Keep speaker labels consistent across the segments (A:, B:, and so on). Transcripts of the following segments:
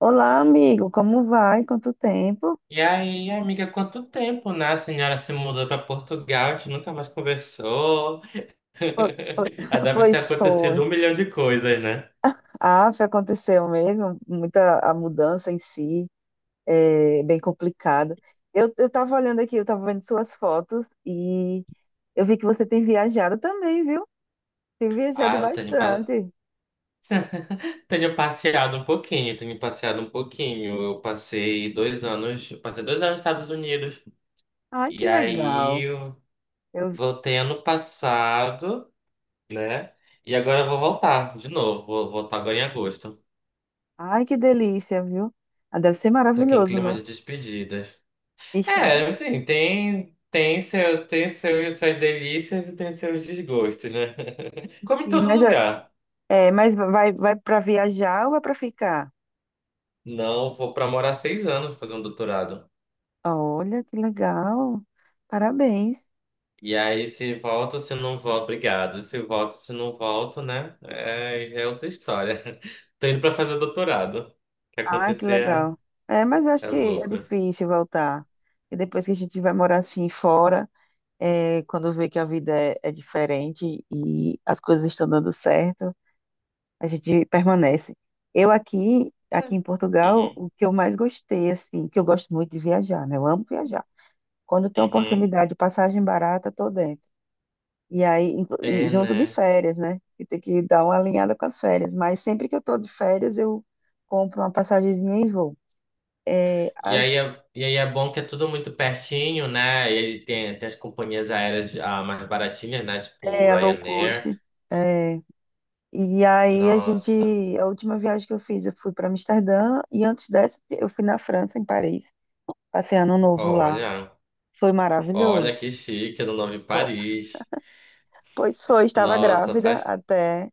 A: Olá, amigo, como vai? Quanto tempo?
B: E aí, amiga, quanto tempo, né? A senhora se mudou para Portugal, a gente nunca mais conversou.
A: Po- po-
B: Ah, deve ter
A: Pois foi.
B: acontecido um milhão de coisas, né?
A: Ah, foi, aconteceu mesmo, muita a mudança em si, é bem complicado. Eu tava olhando aqui, eu tava vendo suas fotos e eu vi que você tem viajado também, viu? Tem viajado
B: Ah,
A: bastante.
B: tenho passeado um pouquinho, tenho passeado um pouquinho. Eu passei 2 anos nos Estados Unidos.
A: Ai, que
B: E aí,
A: legal.
B: eu
A: Eu,
B: voltei ano passado, né? E agora eu vou voltar de novo, vou voltar agora em agosto.
A: ai, que delícia, viu? Ah, deve ser
B: Tá aqui em
A: maravilhoso,
B: clima
A: né?
B: de despedidas.
A: Estar
B: É, enfim, tem, tem, seu, tem seus, suas delícias e tem seus desgostos, né? Como em
A: aqui,
B: todo
A: mas,
B: lugar.
A: mas vai para viajar ou vai para ficar?
B: Não, vou para morar 6 anos fazer um doutorado.
A: Olha, que legal. Parabéns.
B: E aí, se volto, se não volto, obrigado. Se volto, se não volto, né? É, já é outra história. Tô indo para fazer doutorado. O que
A: Ah, que
B: acontecer
A: legal. É, mas eu
B: é,
A: acho
B: é
A: que é
B: lucro.
A: difícil voltar. E depois que a gente vai morar assim fora, quando vê que a vida é diferente e as coisas estão dando certo, a gente permanece. Eu aqui
B: É.
A: em Portugal,
B: Uhum,
A: o que eu mais gostei, assim, que eu gosto muito de viajar, né? Eu amo viajar. Quando tem
B: uhum.
A: oportunidade, passagem barata, tô dentro. E aí, e
B: É,
A: junto de
B: né?
A: férias, né? Que tem que dar uma alinhada com as férias. Mas sempre que eu tô de férias, eu compro uma passagenzinha e vou.
B: E aí
A: As,
B: é, e aí é bom que é tudo muito pertinho, né? Ele tem as companhias aéreas mais baratinhas, né? Tipo
A: é, low
B: Ryanair.
A: cost. É. E aí, a gente.
B: Nossa,
A: A última viagem que eu fiz, eu fui para Amsterdã. E antes dessa, eu fui na França, em Paris. Passei ano novo lá.
B: olha,
A: Foi maravilhoso.
B: olha que chique, é no nome Paris.
A: Pois foi, estava
B: Nossa,
A: grávida
B: faz.
A: até.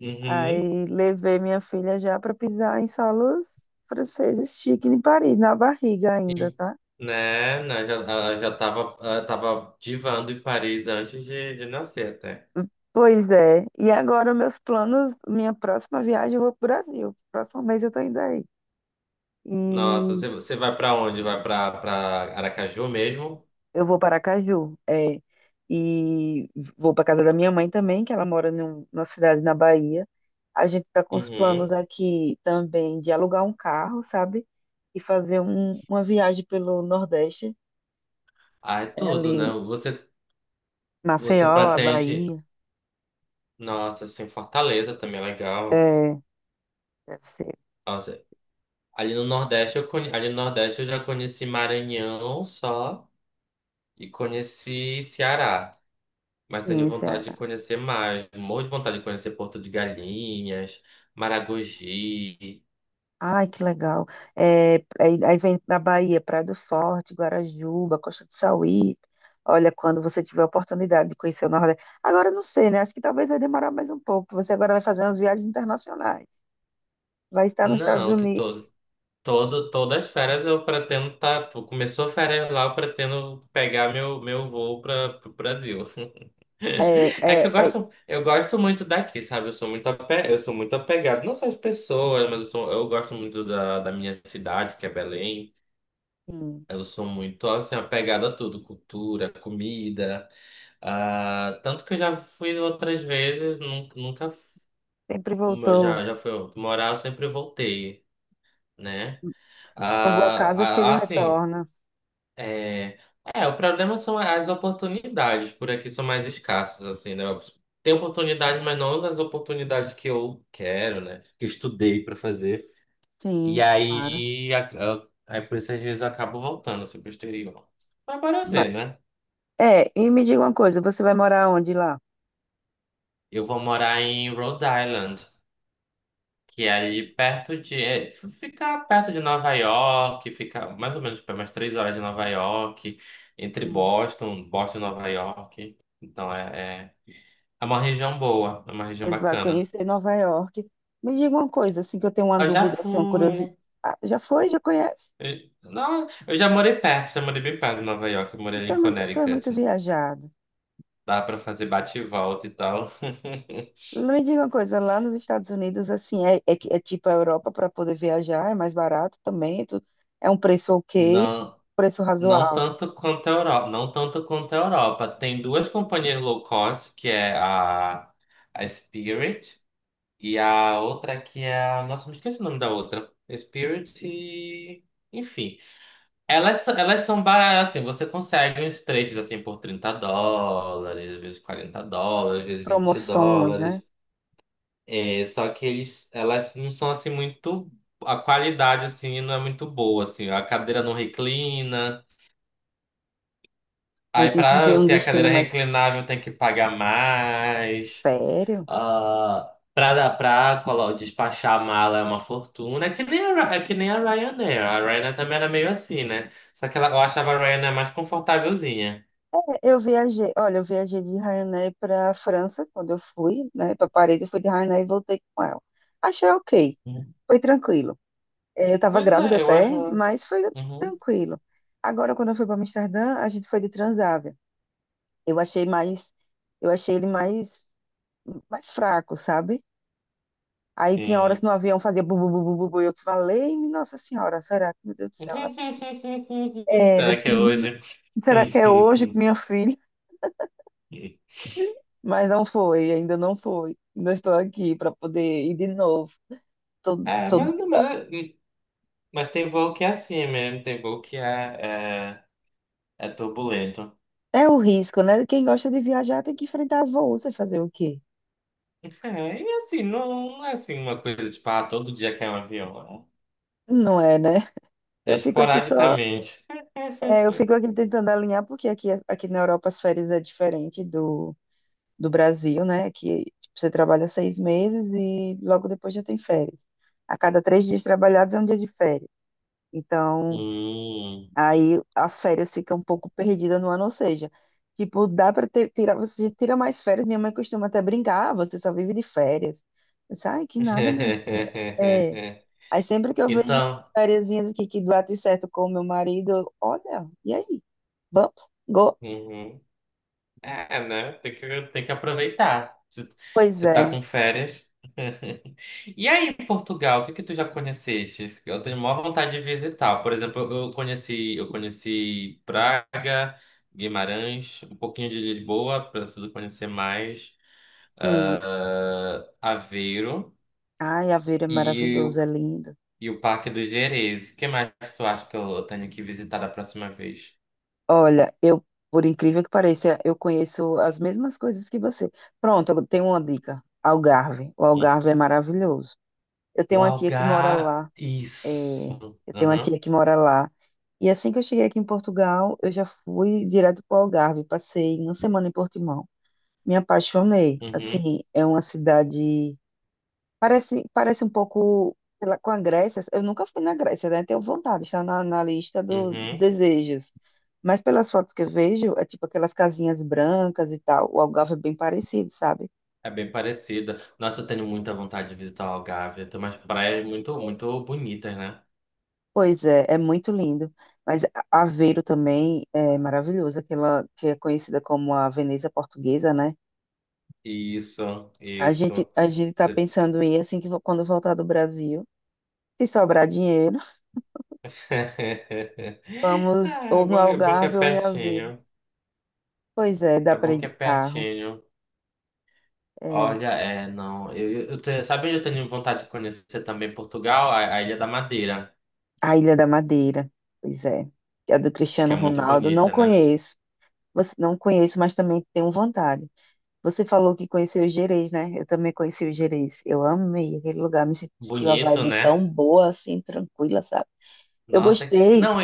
B: Uhum.
A: Aí, levei minha filha já para pisar em solos franceses chiques em Paris, na barriga ainda,
B: E,
A: tá?
B: né? né, já, ela já tava, ela tava divando em Paris antes de nascer até.
A: Pois é. E agora meus planos, minha próxima viagem eu vou para o Brasil. Próximo mês eu tô indo aí.
B: Nossa,
A: E
B: você vai pra onde? Vai pra Aracaju mesmo?
A: eu vou para Aracaju, é. E vou para casa da minha mãe também, que ela mora numa cidade na Bahia. A gente está com os planos
B: Uhum.
A: aqui também de alugar um carro, sabe? E fazer uma viagem pelo Nordeste,
B: Ai,
A: é
B: tudo, né?
A: ali
B: Você
A: Maceió, a
B: pretende.
A: Bahia,
B: Nossa, assim, Fortaleza também é legal.
A: é, deve ser.
B: Nossa, ali no Nordeste eu já conheci Maranhão só e conheci Ceará. Mas tenho
A: Sim,
B: vontade de
A: Ceará.
B: conhecer mais. Morro de vontade de conhecer Porto de Galinhas, Maragogi.
A: Ai, que legal. É, aí vem para Bahia, Praia do Forte, Guarajuba, Costa do Sauí. Olha, quando você tiver a oportunidade de conhecer o Nordeste. Agora, eu não sei, né? Acho que talvez vai demorar mais um pouco. Você agora vai fazer umas viagens internacionais. Vai estar nos Estados
B: Não, que
A: Unidos.
B: todas as férias eu pretendo estar. Tá. Começou férias lá, eu pretendo pegar meu voo para o Brasil.
A: É,
B: É que eu
A: é, é,
B: gosto, eu gosto muito daqui, sabe? Eu sou muito apegado, não só às pessoas, mas eu gosto muito da minha cidade, que é Belém.
A: sim.
B: Eu sou muito assim apegado a tudo, cultura, comida. Tanto que eu já fui outras vezes, nunca,
A: Sempre voltou.
B: já fui morar, eu sempre voltei, né?
A: Uma boa casa, o filho
B: Assim.
A: retorna.
B: É, é, o problema são as oportunidades. Por aqui são mais escassas, assim, né? Tem oportunidade, mas não as oportunidades que eu quero, né? Que eu estudei para fazer. E
A: Sim, claro.
B: aí, a- a- aí por isso às vezes eu acabo voltando assim, pro exterior. Mas bora
A: Ma-
B: ver, né?
A: É, e me diga uma coisa, você vai morar onde lá?
B: Eu vou morar em Rhode Island, que é ali perto de. É, f- fica perto de Nova York, fica mais ou menos para umas 3 horas de Nova York, entre Boston e Nova York. É uma região boa, é uma região
A: Pois vai
B: bacana.
A: conhecer Nova York. Me diga uma coisa, assim, que eu tenho uma
B: Eu já
A: dúvida, assim, uma curiosidade.
B: fui.
A: Já foi? Já conhece?
B: Não, eu já morei bem perto de Nova York, eu morei ali
A: Tu
B: em
A: é muito, tu é muito
B: Connecticut.
A: viajado.
B: Dá pra fazer bate e volta e tal.
A: Me diga uma coisa, lá nos Estados Unidos, assim, é, é tipo a Europa para poder viajar, é mais barato também, é um preço ok,
B: Não,
A: preço
B: não
A: razoável,
B: tanto quanto a Europa, não tanto quanto a Europa. Tem duas companhias low cost, que é a Spirit e a outra que é a, nossa, me esqueci o nome da outra. Spirit e, enfim. Elas são baratas, assim, você consegue uns trechos assim por US$ 30, às vezes US$ 40, às
A: as
B: vezes 20
A: promoções, né?
B: dólares. É, só que eles, elas não são assim muito. A qualidade assim não é muito boa, assim. A cadeira não reclina.
A: Aí
B: Aí
A: tem que ver
B: para
A: um
B: ter a cadeira
A: destino mais
B: reclinável tem que pagar mais.
A: sério.
B: Ah, para despachar a mala é uma fortuna. É que nem a Ryanair. A Ryanair também era meio assim, né? Só que ela, eu achava a Ryanair mais confortávelzinha.
A: É, olha, eu viajei de Ryanair para a França quando eu fui, né, para Paris, eu fui de Ryanair e voltei com ela. Achei ok,
B: Uhum.
A: foi tranquilo. É, eu estava
B: Pois
A: grávida
B: é, eu
A: até,
B: acho.
A: mas foi
B: Uhum,
A: tranquilo. Agora, quando eu fui para Amsterdã, a gente foi de Transavia. Eu achei mais, eu achei ele mais fraco, sabe? Aí tinha horas
B: sim.
A: no avião, fazia bu, bu, bu, bu, bu, bu, e eu falei, Nossa Senhora, será que, meu Deus do céu, não é possível. É, eu
B: Será
A: disse,
B: que é
A: "Não,
B: hoje?
A: será que é hoje com minha filha? Mas não foi, ainda não foi. Ainda estou aqui para poder ir de novo. Tô-
B: É,
A: tô-
B: mas tem voo que é assim mesmo, tem voo que é, é turbulento.
A: É o risco, né? Quem gosta de viajar tem que enfrentar voos e fazer o quê?
B: É, e assim, não, não é assim uma coisa tipo, todo dia cai um avião.
A: Não é, né?
B: É, é
A: Eu fico aqui só
B: esporadicamente.
A: É, eu fico aqui tentando alinhar, porque aqui na Europa as férias é diferente do Brasil, né? Que tipo, você trabalha 6 meses e logo depois já tem férias. A cada 3 dias trabalhados é um dia de férias. Então,
B: Hum.
A: aí as férias ficam um pouco perdidas no ano, ou seja, tipo, dá para tirar, você tira mais férias. Minha mãe costuma até brincar, "Ah, você só vive de férias. Eu disse, ai, que nada, minha. É. Aí sempre que eu vejo
B: Então.
A: férias aqui que bate certo com o meu marido, eu, olha, e aí? Vamos?
B: Uhum. É, né? Tem que aproveitar. Se,
A: Pois
B: se tá
A: é,
B: com férias. E aí, em Portugal, o que que tu já conheceste? Eu tenho maior vontade de visitar. Por exemplo, eu conheci Praga, Guimarães, um pouquinho de Lisboa, preciso conhecer mais.
A: sim.
B: Aveiro
A: Ai, Aveiro é
B: e,
A: maravilhoso,
B: o-
A: é lindo.
B: e o Parque do Gerês. O que mais tu acha que eu tenho que visitar da próxima vez?
A: Olha, eu, por incrível que pareça, eu conheço as mesmas coisas que você. Pronto, eu tenho uma dica. Algarve. O
B: Hum.
A: Algarve é maravilhoso. Eu
B: O
A: tenho uma tia que mora
B: Algarve.
A: lá. é,
B: Isso.
A: eu tenho uma
B: Uhum.
A: tia que mora lá. E assim que eu cheguei aqui em Portugal, eu já fui direto para o Algarve. Passei uma semana em Portimão. Me apaixonei.
B: Uhum.
A: Assim, é uma cidade. Parece um pouco sei lá, com a Grécia. Eu nunca fui na Grécia, né? Tenho vontade, está na lista dos
B: Uhum.
A: desejos. Mas pelas fotos que eu vejo, é tipo aquelas casinhas brancas e tal. O Algarve é bem parecido, sabe?
B: É bem parecida. Nossa, eu tenho muita vontade de visitar o Algarve. Tem umas praias muito, muito bonitas, né?
A: Pois é, é muito lindo. Mas Aveiro também é maravilhoso, aquela que é conhecida como a Veneza Portuguesa, né?
B: Isso,
A: A gente,
B: isso.
A: a gente tá pensando em assim que quando voltar do Brasil, se sobrar dinheiro, vamos
B: Ah,
A: ou no
B: é bom que é
A: Algarve ou em Aveiro.
B: pertinho.
A: Pois é, dá
B: É
A: para
B: bom
A: ir
B: que é
A: de carro.
B: pertinho.
A: É.
B: Olha, é, não. Sabe onde eu tenho vontade de conhecer também Portugal? A Ilha da Madeira.
A: A Ilha da Madeira, pois é. É do
B: Acho que
A: Cristiano
B: é muito
A: Ronaldo. Não
B: bonita, né?
A: conheço. Você não conheço, mas também tenho vontade. Você falou que conheceu o Gerês, né? Eu também conheci o Gerês. Eu amei aquele lugar, me senti uma
B: Bonito,
A: vibe
B: né?
A: tão boa, assim, tranquila, sabe? Eu
B: Nossa.
A: gostei.
B: Não,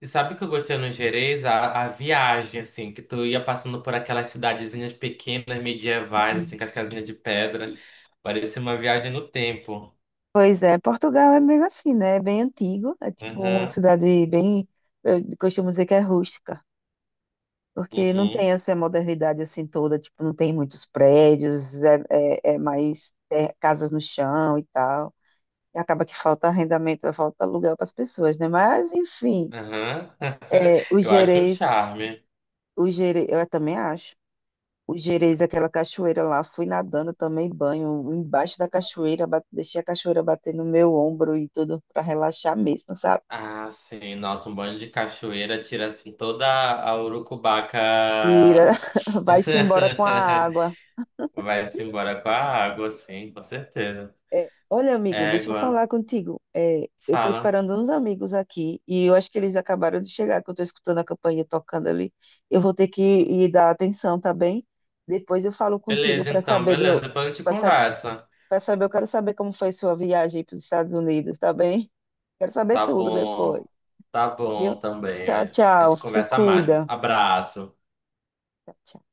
B: e sabe o que eu gostei no Gerês? A viagem, assim, que tu ia passando por aquelas cidadezinhas pequenas, medievais, assim, com as casinhas de pedra. Parecia uma viagem no tempo.
A: Pois é, Portugal é meio assim, né? É bem antigo, é tipo uma
B: Uhum,
A: cidade bem, eu costumo dizer que é rústica, porque não tem
B: uhum,
A: essa modernidade assim toda, tipo, não tem muitos prédios, é mais é, casas no chão e tal. E acaba que falta arrendamento, falta aluguel para as pessoas, né? Mas, enfim,
B: uhum.
A: é, os
B: Eu acho um
A: gerês,
B: charme.
A: os gerês, eu também acho. Os gerês, aquela cachoeira lá, fui nadando, tomei banho embaixo da cachoeira, deixei a cachoeira bater no meu ombro e tudo para relaxar mesmo, sabe?
B: Ah, sim, nossa, um banho de cachoeira tira, assim, toda a urucubaca.
A: Ira, vai-se embora com a água.
B: Vai-se embora com a água, sim, com certeza.
A: É, olha, amigo, deixa eu
B: Égua,
A: falar contigo. É, eu tô
B: fala.
A: esperando uns amigos aqui e eu acho que eles acabaram de chegar, que eu tô escutando a campainha tocando ali. Eu vou ter que ir dar atenção, tá bem? Depois eu falo contigo
B: Beleza,
A: para
B: então,
A: saber
B: beleza, depois a gente
A: para sa
B: conversa.
A: eu quero saber como foi sua viagem para os Estados Unidos, tá bem? Quero saber
B: Tá
A: tudo depois,
B: bom. Tá
A: viu?
B: bom também.
A: Tchau,
B: É. A
A: tchau.
B: gente
A: Se
B: conversa mais.
A: cuida.
B: Abraço.
A: Tchau, tchau.